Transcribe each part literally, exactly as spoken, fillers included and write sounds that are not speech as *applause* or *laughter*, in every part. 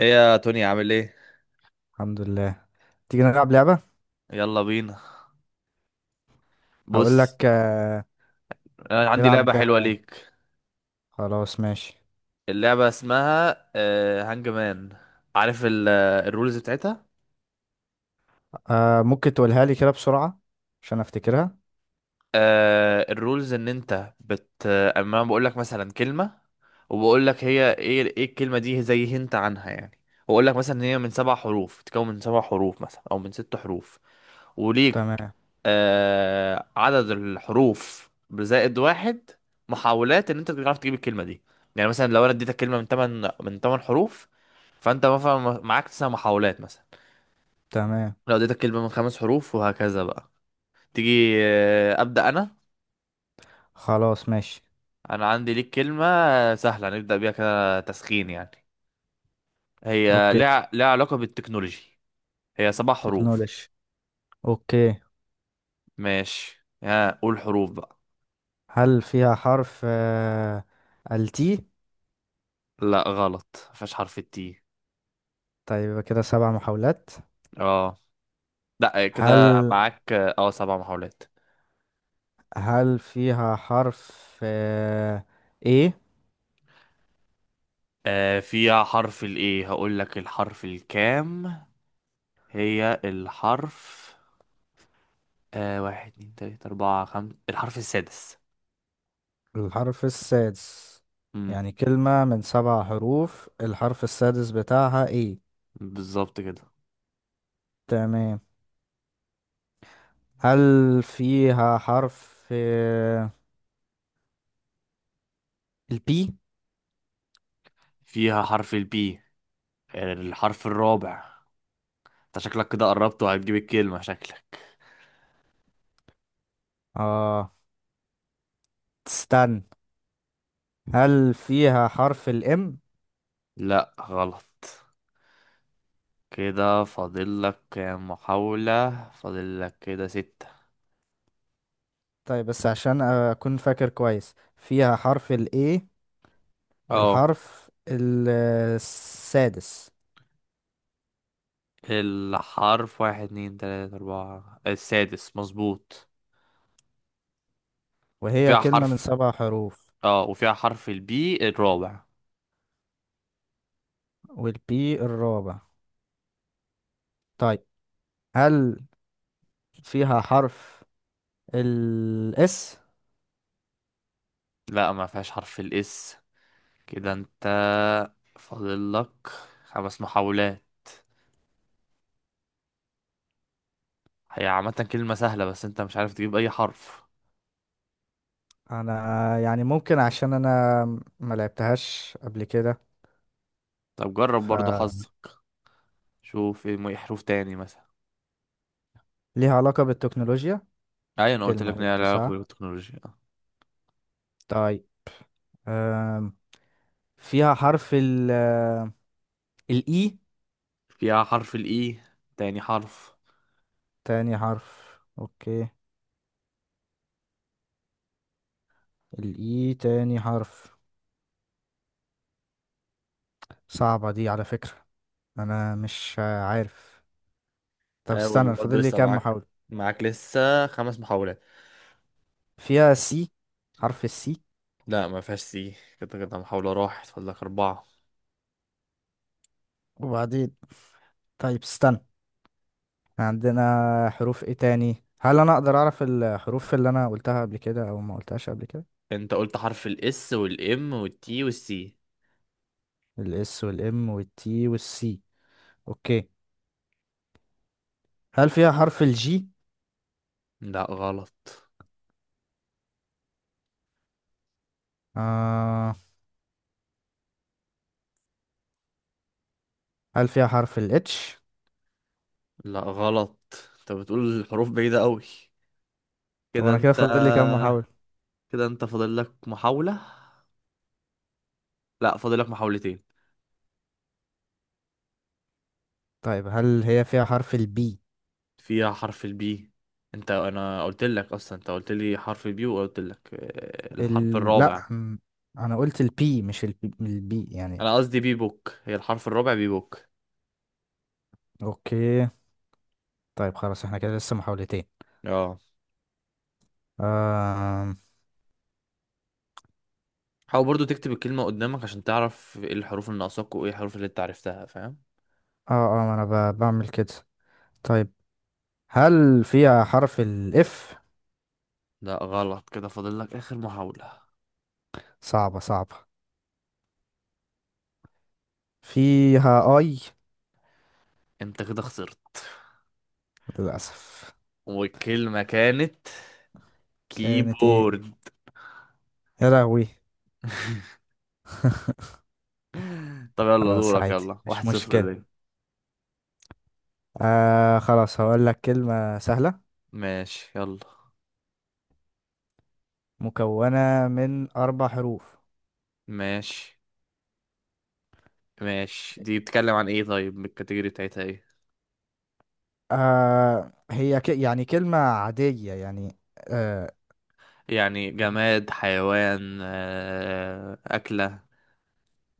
ايه يا توني، عامل ايه؟ الحمد لله. تيجي نلعب لعبة؟ يلا بينا. هقول بص، لك. آه، انا عندي لعبة نلعب. حلوة آه، ليك. خلاص ماشي. اللعبة اسمها آه، هانج مان. عارف ال- آه، الرولز بتاعتها؟ آه، ممكن تقولها لي كده بسرعة عشان افتكرها. آه الرولز ان انت بت اما أنا بقول لك مثلا كلمه، وبقول لك هي ايه ايه الكلمه دي، زي هنت عنها يعني. واقول لك مثلا ان هي من سبع حروف تتكون من سبع حروف مثلا، او من ست حروف. وليك تمام. آه عدد الحروف بزائد واحد محاولات، ان انت تعرف تجيب الكلمه دي. يعني مثلا لو انا اديتك كلمه من ثمان من ثمان حروف، فانت مثلا معاك تسع محاولات مثلا. تمام لو اديتك كلمه من خمس حروف، وهكذا بقى. تيجي؟ آه، ابدا انا خلاص ماشي. انا عندي ليك كلمة سهلة، نبدأ بيها كده تسخين يعني. هي اوكي. لها لها علاقة بالتكنولوجي. هي سبع حروف. تكنولوجي. اوكي. ماشي، ها قول حروف بقى. هل فيها حرف آه، التي؟ لا غلط، مفيهاش حرف التي. طيب يبقى كده سبع محاولات. اه، لا كده هل معاك اه سبع محاولات. هل فيها حرف آه، ايه؟ آه فيها حرف الايه. هقول لك الحرف الكام. هي الحرف آه واحد اتنين تلاتة أربعة خمسة، الحرف السادس. الحرف السادس. امم. يعني كلمة من سبع حروف، الحرف السادس بتاعها ايه؟ بالظبط كده. تمام. هل فيها حرف آه، البي؟ فيها حرف البي، الحرف الرابع. انت شكلك كده قربت وهتجيب الكلمة، شكلك. اه، استنى. هل فيها حرف الام؟ لا غلط. كده فاضل لك كام محاولة؟ فاضل لك كده ستة. طيب، بس عشان اكون فاكر كويس، فيها حرف الاي اه. الحرف ال- آه، السادس؟ الحرف واحد اتنين تلاتة أربعة، السادس مظبوط. وهي وفيها كلمة من حرف سبع حروف، اه وفيها حرف البي الرابع. والبي الرابع؟ طيب. هل فيها حرف الاس؟ لا، ما فيهاش حرف الاس. كده انت فاضل لك خمس محاولات. هي عامة كلمة سهلة، بس انت مش عارف تجيب اي حرف. انا يعني ممكن عشان انا ما لعبتهاش قبل كده. طب جرب برضو فليها حظك. شوف ايه م- إيه حروف تاني مثلا. علاقة بالتكنولوجيا. ايوه انا قلت كلمة لك ان هي قلت لها علاقه صح. بالتكنولوجيا. طيب. آم، فيها حرف ال الإي فيها حرف الاي، تاني حرف. تاني حرف؟ أوكي. الإي تاني حرف. صعبة دي على فكرة. أنا مش عارف. طب حاول استنى، برضه، فاضل لي لسه كام معاك محاولة؟ معاك لسه خمس محاولات. فيها سي حرف السي؟ لا، ما فيهاش سي. كده كده محاولة راحت، فاضل لك أربعة. وبعدين؟ طيب استنى، عندنا حروف إيه تاني؟ هل أنا أقدر أعرف الحروف اللي أنا قلتها قبل كده أو ما قلتهاش قبل كده؟ أنت قلت حرف الإس والإم والتي والسي. الإس والإم والتي والسي. أوكي. هل فيها حرف الجي؟ لا غلط. آه. هل فيها حرف ال H؟ لا غلط. أنت بتقول الحروف بعيدة أوي. طب كده انا كده أنت، فاضل لي كام محاولة؟ كده أنت فاضل لك محاولة. لا، فاضل لك محاولتين. طيب هل هي فيها حرف ال B؟ فيها حرف البي. انت انا قلت لك اصلا، انت قلت لي حرف البي وقلت لك آه، الحرف ال... الرابع. لا، م- انا قلت ال P مش ال B ال B يعني. انا قصدي بي بوك، هي الحرف الرابع بي بوك. اوكي. طيب خلاص احنا كده لسه محاولتين. اه. آم، حاول برضو تكتب الكلمة قدامك عشان تعرف ايه الحروف اللي ناقصاك وايه الحروف اللي انت عرفتها، فاهم؟ اه اه. ما انا ب... بعمل كده. طيب هل فيها حرف ال F؟ لا غلط. كده فاضل لك اخر محاولة. صعبة صعبة. فيها I. انت كده خسرت. للأسف. والكلمة كانت كانت ايه؟ كيبورد. يا لهوي. *laughs* *laughs* طب يلا خلاص، دورك عادي، يلا، واحد مش صفر مشكلة. ليه. آه، خلاص هقول لك كلمة سهلة ماشي يلا. مكونة من أربع حروف. ماشي. ماشي، دي بتتكلم عن ايه؟ طيب الكاتيجوري بتاعتها ايه؟ آه، هي ك يعني كلمة عادية يعني. آه. يعني جماد، حيوان، آه، أكلة،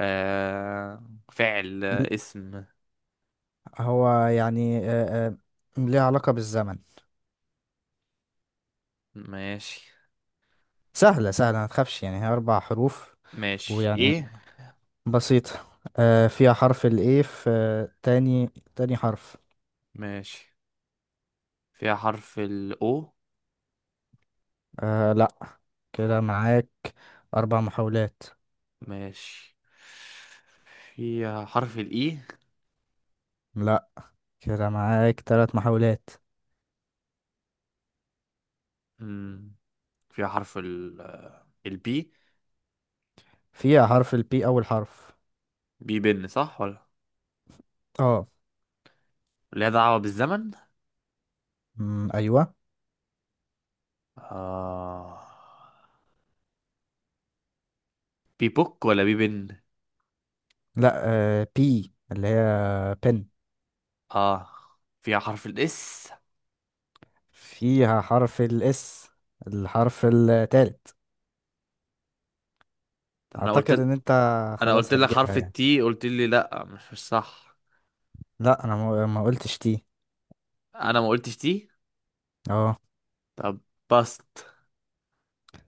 آه، فعل، ل- آه، اسم؟ هو يعني آه آه ليها علاقة بالزمن. ماشي. سهلة سهلة، ما تخافش، يعني هي أربع حروف. ماشي، ويعني ايه؟ بسيطة. آه، فيها حرف الإيه في آه تاني. تاني حرف. ماشي. فيها حرف الاو؟ آه لأ. كده معاك أربع محاولات. ماشي. فيها حرف الاي؟ لأ، كده معاك تلات محاولات. مم. فيها حرف ال البي. فيها حرف البي أول حرف؟ بي بن، صح ولا؟ اه. ليها دعوة بالزمن؟ مم، أيوة. آه. بي بوك ولا بي بن؟ لا، آه بي اللي هي بن. اه. فيها حرف الاس. فيها حرف الاس الحرف التالت؟ انا قلت اعتقد ان انت انا قلت خلاص لك حرف هتجيبها يعني. التي، قلت لي لا مش مش صح. لا انا ما ما قلتش تي. انا ما قلتش تي. اه. طب، باست.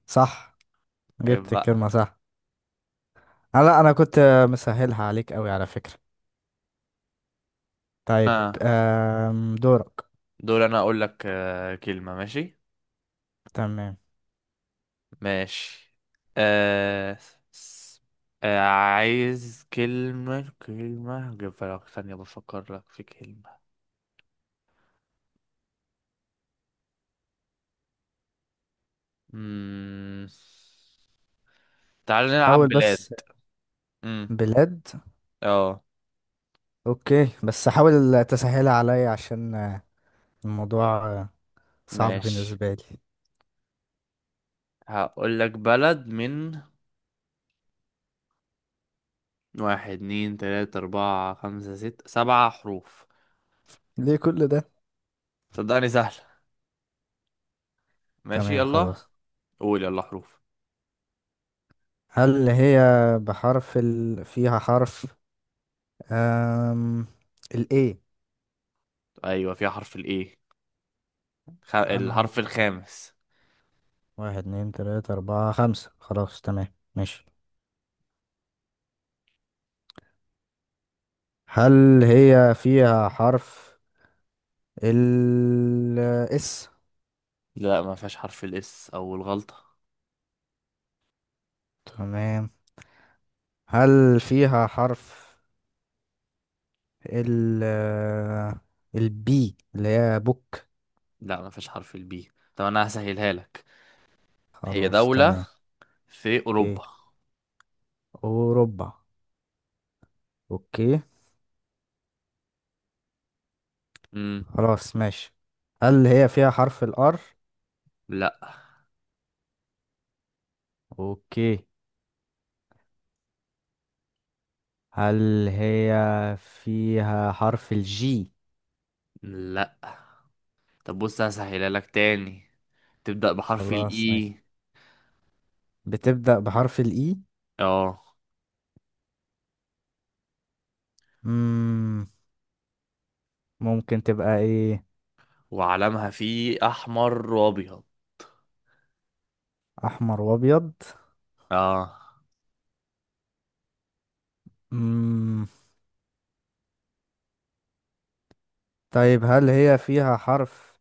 صح، عيب جبت بقى. الكلمة صح. آه، لا انا كنت مسهلها عليك قوي على فكرة. طيب. آه. آم، دورك. دور انا اقول لك آه كلمة، ماشي. تمام. ماشي. آه. س- آه عايز كلمة، كلمة جيب لك ثانية، بفكر لك في كلمة. مم. تعال نلعب حاول بلاد. بس. مم. بلاد. اه اوكي، بس حاول تسهلها عليا عشان آه، الموضوع آه، صعب ماشي. بالنسبة لي. هقول لك بلد من واحد اتنين تلاتة أربعة خمسة ستة سبعة حروف. ليه كل ده؟ صدقني سهل. ماشي تمام يلا. خلاص. قول يلا حروف. هل هي بحرف ال... فيها حرف أم... ال A؟ ايوه فيها حرف الايه، خ... أنه، الحرف الخامس. واحد اتنين تلاتة أربعة خمسة، خلاص تمام ماشي. هل هي فيها حرف ال S؟ لا ما فيهاش حرف الاس، او الغلطة. تمام. هل فيها حرف ال ال B اللي هي بوك؟ لا ما فيهاش حرف البي. طب انا هسهلها لك. هي خلاص دولة تمام. في اوكي. اوروبا. أوروبا. اوكي. امم. خلاص ماشي. هل هي فيها حرف الار؟ لا. اوكي. هل هي فيها حرف الجي؟ لا. طب بص، هسهلها لك تاني. تبدأ بحرف خلاص ماشي. الاي. بتبدأ بحرف الإي. اه. مم. ممكن تبقى إيه؟ وعلمها فيه احمر وابيض. أحمر وأبيض. اه. مم. طيب هل هي فيها حرف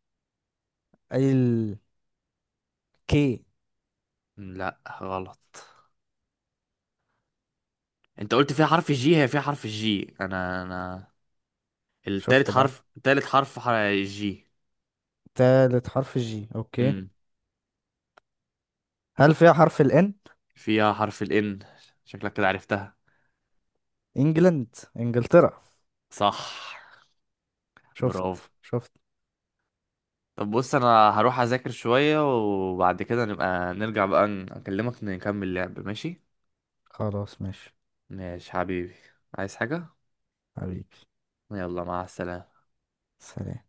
ال كي؟ لا غلط. انت قلت فيها حرف الجي، هي فيها حرف الجي. انا انا التالت شفت بقى. حرف تالت حرف ح- جي. تالت حرف الجي أوكي. امم. هل فيها حرف الإن؟ فيها حرف الان. شكلك كده عرفتها. إنجلند إنجلترا. صح. شفت برافو. شفت. طب بص، انا هروح اذاكر شوية، وبعد كده نبقى نرجع بقى، ن- اكلمك نكمل لعب، ماشي؟ خلاص ماشي ماشي حبيبي. عايز حاجة؟ حبيبي. يلا، مع السلامة. سلام.